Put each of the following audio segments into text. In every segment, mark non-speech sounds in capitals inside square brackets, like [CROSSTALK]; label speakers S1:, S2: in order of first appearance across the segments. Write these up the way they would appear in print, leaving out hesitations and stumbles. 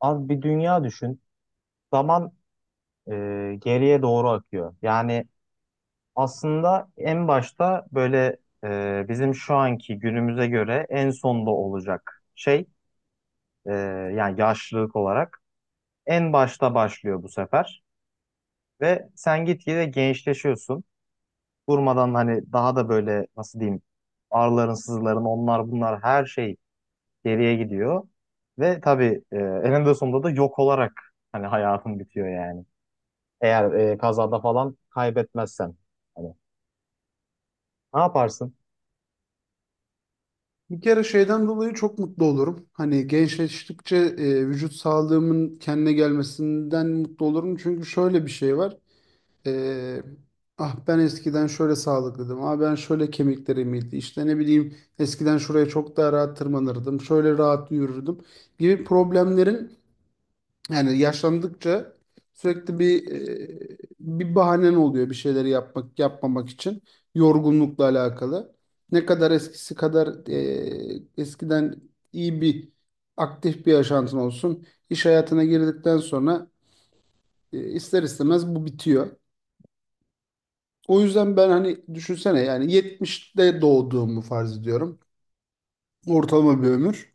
S1: Abi bir dünya düşün. Zaman e, geriye doğru akıyor. Yani aslında en başta böyle bizim şu anki günümüze göre en sonda olacak şey, e, yani yaşlılık olarak en başta başlıyor bu sefer. Ve sen gitgide gençleşiyorsun. Durmadan hani daha da böyle nasıl diyeyim, ağrıların sızıların onlar bunlar her şey geriye gidiyor. Ve tabii, eninde sonunda da yok olarak hani hayatın bitiyor yani. Eğer kazada falan kaybetmezsen. Hani ne yaparsın?
S2: Bir kere şeyden dolayı çok mutlu olurum. Hani gençleştikçe vücut sağlığımın kendine gelmesinden mutlu olurum. Çünkü şöyle bir şey var. E, ah ben eskiden şöyle sağlıklıydım. Ah ben şöyle kemiklerim iyiydi. İşte ne bileyim eskiden şuraya çok daha rahat tırmanırdım. Şöyle rahat yürürdüm gibi problemlerin yani yaşlandıkça sürekli bir bahanen oluyor bir şeyleri yapmak yapmamak için yorgunlukla alakalı. Ne kadar eskisi kadar eskiden iyi bir aktif bir yaşantın olsun. İş hayatına girdikten sonra ister istemez bu bitiyor. O yüzden ben hani düşünsene yani 70'te doğduğumu farz ediyorum. Ortalama bir ömür.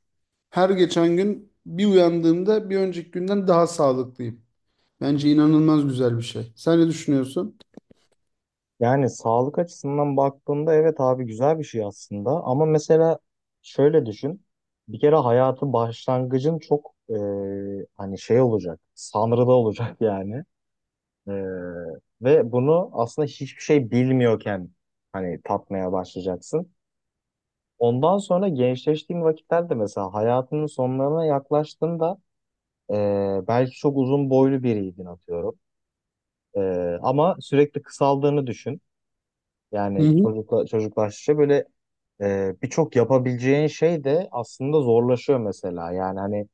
S2: Her geçen gün bir uyandığımda bir önceki günden daha sağlıklıyım. Bence inanılmaz güzel bir şey. Sen ne düşünüyorsun?
S1: Yani sağlık açısından baktığında evet abi, güzel bir şey aslında. Ama mesela şöyle düşün. Bir kere hayatın başlangıcın çok hani şey olacak. Sanrıda olacak [LAUGHS] yani. E, Ve bunu aslında hiçbir şey bilmiyorken hani tatmaya başlayacaksın. Ondan sonra gençleştiğin vakitlerde mesela hayatının sonlarına yaklaştığında, e, belki çok uzun boylu biriydin atıyorum. Ama sürekli kısaldığını düşün.
S2: Hı
S1: Yani
S2: hı.
S1: çocuklaştıkça böyle birçok yapabileceğin şey de aslında zorlaşıyor mesela. Yani hani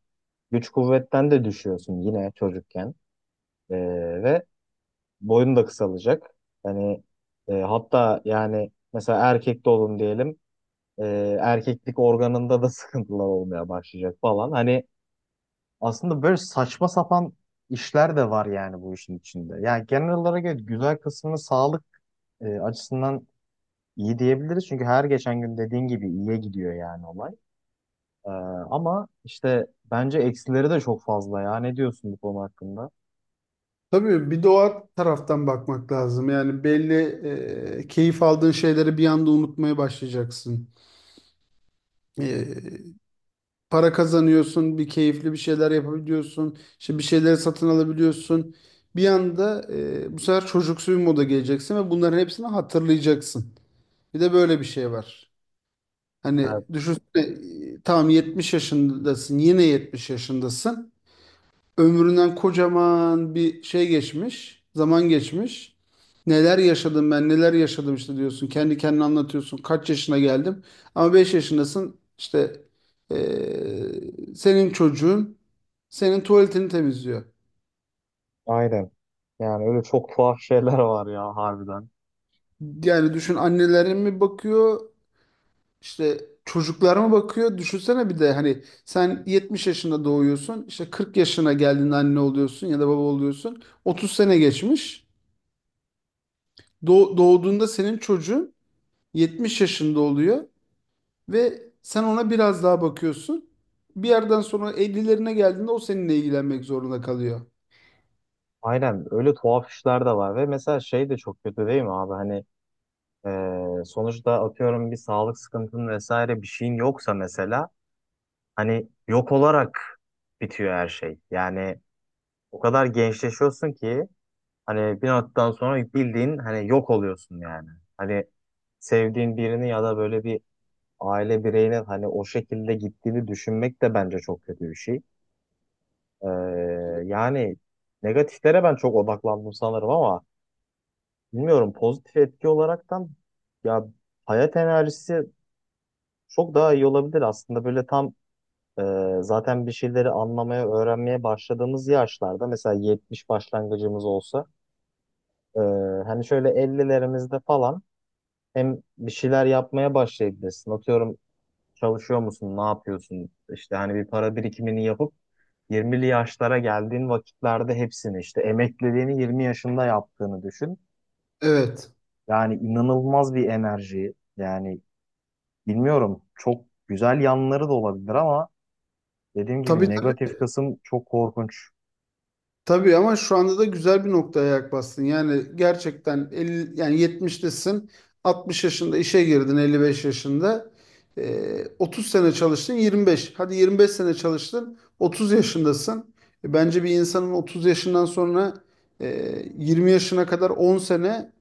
S1: güç kuvvetten de düşüyorsun yine çocukken. Ee, Ve boyun da kısalacak. Hani hatta yani mesela erkekte olun diyelim. Erkeklik organında da [LAUGHS] sıkıntılar olmaya başlayacak falan. Hani aslında böyle saçma sapan işler de var yani bu işin içinde. Yani genel olarak evet, güzel kısmını sağlık açısından İyi diyebiliriz çünkü her geçen gün dediğin gibi iyiye gidiyor yani olay. Ee, Ama işte bence eksileri de çok fazla ya. Ne diyorsun bu konu hakkında?
S2: Tabii bir doğa taraftan bakmak lazım. Yani belli keyif aldığın şeyleri bir anda unutmaya başlayacaksın. E, Para kazanıyorsun, bir keyifli bir şeyler yapabiliyorsun, işte bir şeyleri satın alabiliyorsun. Bir anda bu sefer çocuksu bir moda geleceksin ve bunların hepsini hatırlayacaksın. Bir de böyle bir şey var. Hani
S1: Evet,
S2: düşünsene tamam 70 yaşındasın, yine 70 yaşındasın. Ömründen kocaman bir şey geçmiş, zaman geçmiş. Neler yaşadım ben, neler yaşadım işte diyorsun. Kendi kendine anlatıyorsun. Kaç yaşına geldim? Ama 5 yaşındasın. İşte senin çocuğun senin tuvaletini temizliyor.
S1: aynen. Yani öyle çok tuhaf şeyler var ya harbiden.
S2: Yani düşün annelere mi bakıyor, işte çocuklara mı bakıyor? Düşünsene bir de hani sen 70 yaşında doğuyorsun. İşte 40 yaşına geldiğinde anne oluyorsun ya da baba oluyorsun. Otuz sene geçmiş. Doğduğunda senin çocuğun 70 yaşında oluyor ve sen ona biraz daha bakıyorsun. Bir yerden sonra 50'lerine geldiğinde o seninle ilgilenmek zorunda kalıyor.
S1: Aynen, öyle tuhaf işler de var ve mesela şey de çok kötü değil mi abi? Hani sonuçta atıyorum bir sağlık sıkıntın vesaire bir şeyin yoksa mesela hani yok olarak bitiyor her şey. Yani o kadar gençleşiyorsun ki, hani bir noktadan sonra bildiğin hani yok oluyorsun yani. Hani sevdiğin birini ya da böyle bir aile bireyine hani o şekilde gittiğini düşünmek de bence çok kötü bir şey. Ee, Yani negatiflere ben çok odaklandım sanırım ama bilmiyorum, pozitif etki olaraktan ya, hayat enerjisi çok daha iyi olabilir aslında böyle tam, e, zaten bir şeyleri anlamaya, öğrenmeye başladığımız yaşlarda mesela 70 başlangıcımız olsa, e, hani şöyle 50'lerimizde falan hem bir şeyler yapmaya başlayabilirsin. Atıyorum çalışıyor musun, ne yapıyorsun? İşte hani bir para birikimini yapıp 20'li yaşlara geldiğin vakitlerde hepsini işte emekliliğini 20 yaşında yaptığını düşün.
S2: Evet.
S1: Yani inanılmaz bir enerji. Yani bilmiyorum, çok güzel yanları da olabilir ama dediğim gibi
S2: Tabii tabii,
S1: negatif kısım çok korkunç.
S2: tabii ama şu anda da güzel bir noktaya ayak bastın. Yani gerçekten 50, yani 70'tesin, 60 yaşında işe girdin, 55 yaşında. 30 sene çalıştın, 25. Hadi 25 sene çalıştın, 30 yaşındasın. Bence bir insanın 30 yaşından sonra e, 20 yaşına kadar 10 sene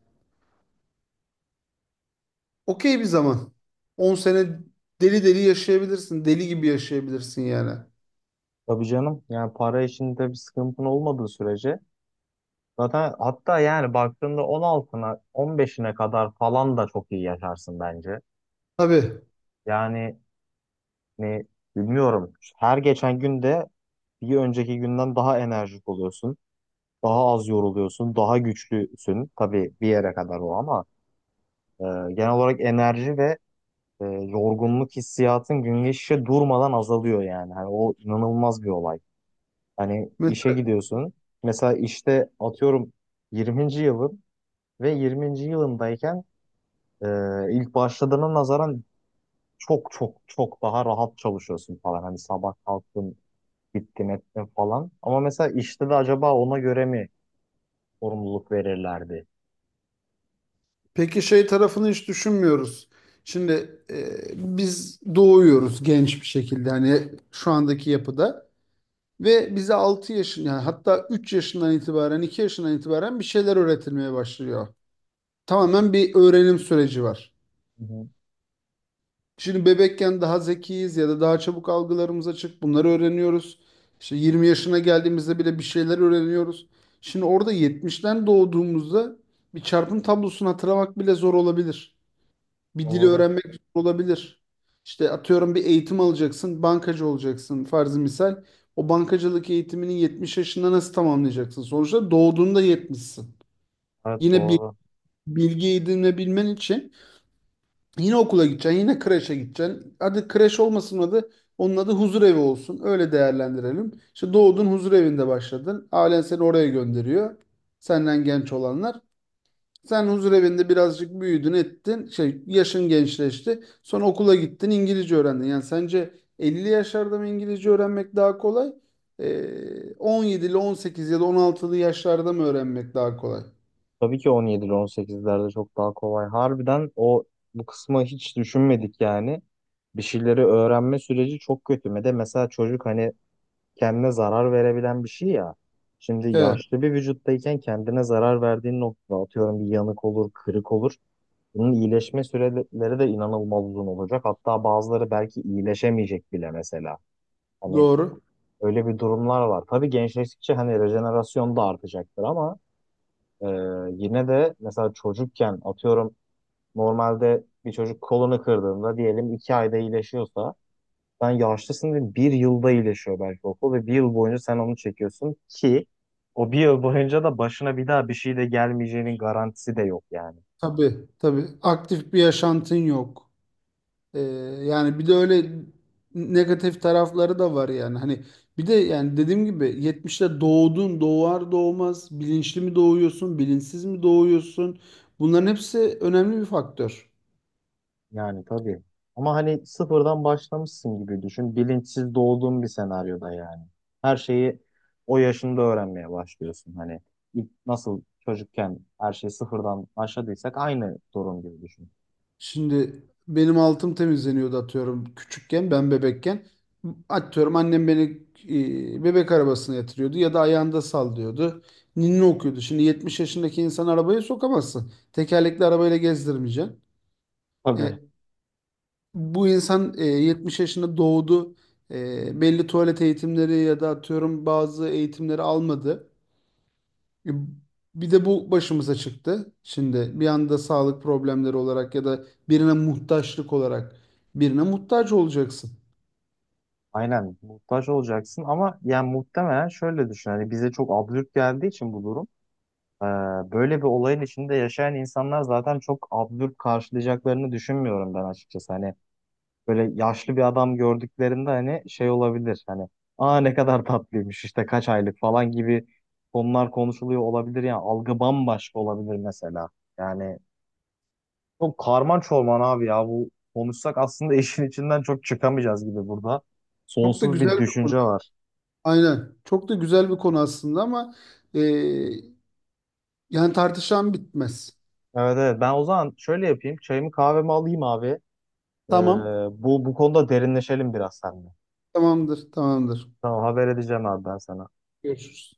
S2: okey bir zaman. On sene deli deli yaşayabilirsin. Deli gibi yaşayabilirsin yani.
S1: Tabii canım, yani para işinde bir sıkıntın olmadığı sürece. Zaten hatta yani baktığında 16'ına 15'ine kadar falan da çok iyi yaşarsın bence.
S2: Tabii.
S1: Yani ne bilmiyorum. Her geçen günde bir önceki günden daha enerjik oluyorsun. Daha az yoruluyorsun. Daha güçlüsün. Tabii bir yere kadar o ama e, genel olarak enerji ve yorgunluk hissiyatın gün geçişe durmadan azalıyor yani. Hani o inanılmaz bir olay. Hani
S2: Mes-
S1: işe gidiyorsun. Mesela işte atıyorum 20. yılın ve 20. yılındayken e, ilk başladığına nazaran çok çok çok daha rahat çalışıyorsun falan. Hani sabah kalktın, gittim ettim falan. Ama mesela işte de acaba ona göre mi sorumluluk verirlerdi?
S2: Peki şey tarafını hiç düşünmüyoruz. Şimdi biz doğuyoruz genç bir şekilde hani şu andaki yapıda ve bize 6 yaşın yani hatta 3 yaşından itibaren 2 yaşından itibaren bir şeyler öğretilmeye başlıyor. Tamamen bir öğrenim süreci var.
S1: Hı hı.
S2: Şimdi bebekken daha zekiyiz ya da daha çabuk algılarımız açık. Bunları öğreniyoruz. İşte 20 yaşına geldiğimizde bile bir şeyler öğreniyoruz. Şimdi orada 70'ten doğduğumuzda bir çarpım tablosunu hatırlamak bile zor olabilir. Bir dili
S1: Doğru.
S2: öğrenmek zor olabilir. İşte atıyorum bir eğitim alacaksın, bankacı olacaksın farzı misal. O bankacılık eğitimini 70 yaşında nasıl tamamlayacaksın? Sonuçta doğduğunda 70'sin.
S1: Evet,
S2: Yine bir
S1: doğru.
S2: bilgi edinebilmen için yine okula gideceksin, yine kreşe gideceksin. Hadi kreş olmasın adı, onun adı huzur evi olsun. Öyle değerlendirelim. İşte doğdun huzur evinde başladın. Ailen seni oraya gönderiyor. Senden genç olanlar. Sen huzur evinde birazcık büyüdün, ettin. Şey, yaşın gençleşti. Sonra okula gittin, İngilizce öğrendin. Yani sence 50 yaşlarda mı İngilizce öğrenmek daha kolay? 17 ile sekiz ya da on altılı yaşlarda mı öğrenmek daha kolay?
S1: Tabii ki on yedili on sekizlerde çok daha kolay. Harbiden o bu kısmı hiç düşünmedik yani. Bir şeyleri öğrenme süreci çok kötü. Bir de mesela çocuk hani kendine zarar verebilen bir şey ya. Şimdi
S2: Evet,
S1: yaşlı bir vücuttayken kendine zarar verdiğin noktada atıyorum bir yanık olur, kırık olur. Bunun iyileşme süreleri de inanılmaz uzun olacak. Hatta bazıları belki iyileşemeyecek bile mesela. Hani
S2: doğru.
S1: öyle bir durumlar var. Tabii gençleştikçe hani rejenerasyon da artacaktır ama e, yine de mesela çocukken atıyorum normalde bir çocuk kolunu kırdığında diyelim 2 ayda iyileşiyorsa, sen yaşlısın ve 1 yılda iyileşiyor belki o kol ve 1 yıl boyunca sen onu çekiyorsun ki o 1 yıl boyunca da başına bir daha bir şey de gelmeyeceğinin garantisi de yok yani.
S2: Tabii, tabii. Aktif bir yaşantın yok. Ee, Yani bir de öyle negatif tarafları da var yani. Hani bir de yani dediğim gibi 70'te doğdun, doğar doğmaz bilinçli mi doğuyorsun, bilinçsiz mi doğuyorsun? Bunların hepsi önemli bir faktör.
S1: Yani tabii. Ama hani sıfırdan başlamışsın gibi düşün. Bilinçsiz doğduğun bir senaryoda yani. Her şeyi o yaşında öğrenmeye başlıyorsun. Hani ilk nasıl çocukken her şeyi sıfırdan başladıysak aynı durum gibi düşün.
S2: Şimdi benim altım temizleniyordu atıyorum küçükken, ben bebekken. Atıyorum annem beni bebek arabasına yatırıyordu ya da ayağında sallıyordu. Ninni okuyordu. Şimdi 70 yaşındaki insan arabaya sokamazsın. Tekerlekli arabayla gezdirmeyeceksin.
S1: Tabii.
S2: E, Bu insan 70 yaşında doğdu. Belli tuvalet eğitimleri ya da atıyorum bazı eğitimleri almadı. E, Bir de bu başımıza çıktı. Şimdi bir anda sağlık problemleri olarak ya da birine muhtaçlık olarak birine muhtaç olacaksın.
S1: Aynen muhtaç olacaksın ama yani muhtemelen şöyle düşün. Hani bize çok absürt geldiği için bu durum. e, Böyle bir olayın içinde yaşayan insanlar zaten çok absürt karşılayacaklarını düşünmüyorum ben açıkçası. Hani böyle yaşlı bir adam gördüklerinde hani şey olabilir, hani aa ne kadar tatlıymış işte kaç aylık falan gibi konular konuşuluyor olabilir, yani algı bambaşka olabilir mesela. Yani çok karman çorman abi ya, bu konuşsak aslında [LAUGHS] işin içinden çok çıkamayacağız gibi burada.
S2: Çok da
S1: Sonsuz bir
S2: güzel bir konu.
S1: düşünce var.
S2: Aynen. Çok da güzel bir konu aslında ama e, yani tartışan bitmez.
S1: Evet evet, ben o zaman şöyle yapayım, çayımı kahvemi alayım abi. Ee,
S2: Tamam.
S1: bu konuda derinleşelim biraz seninle.
S2: Tamamdır. Tamamdır.
S1: Tamam, haber edeceğim abi ben sana.
S2: Görüşürüz.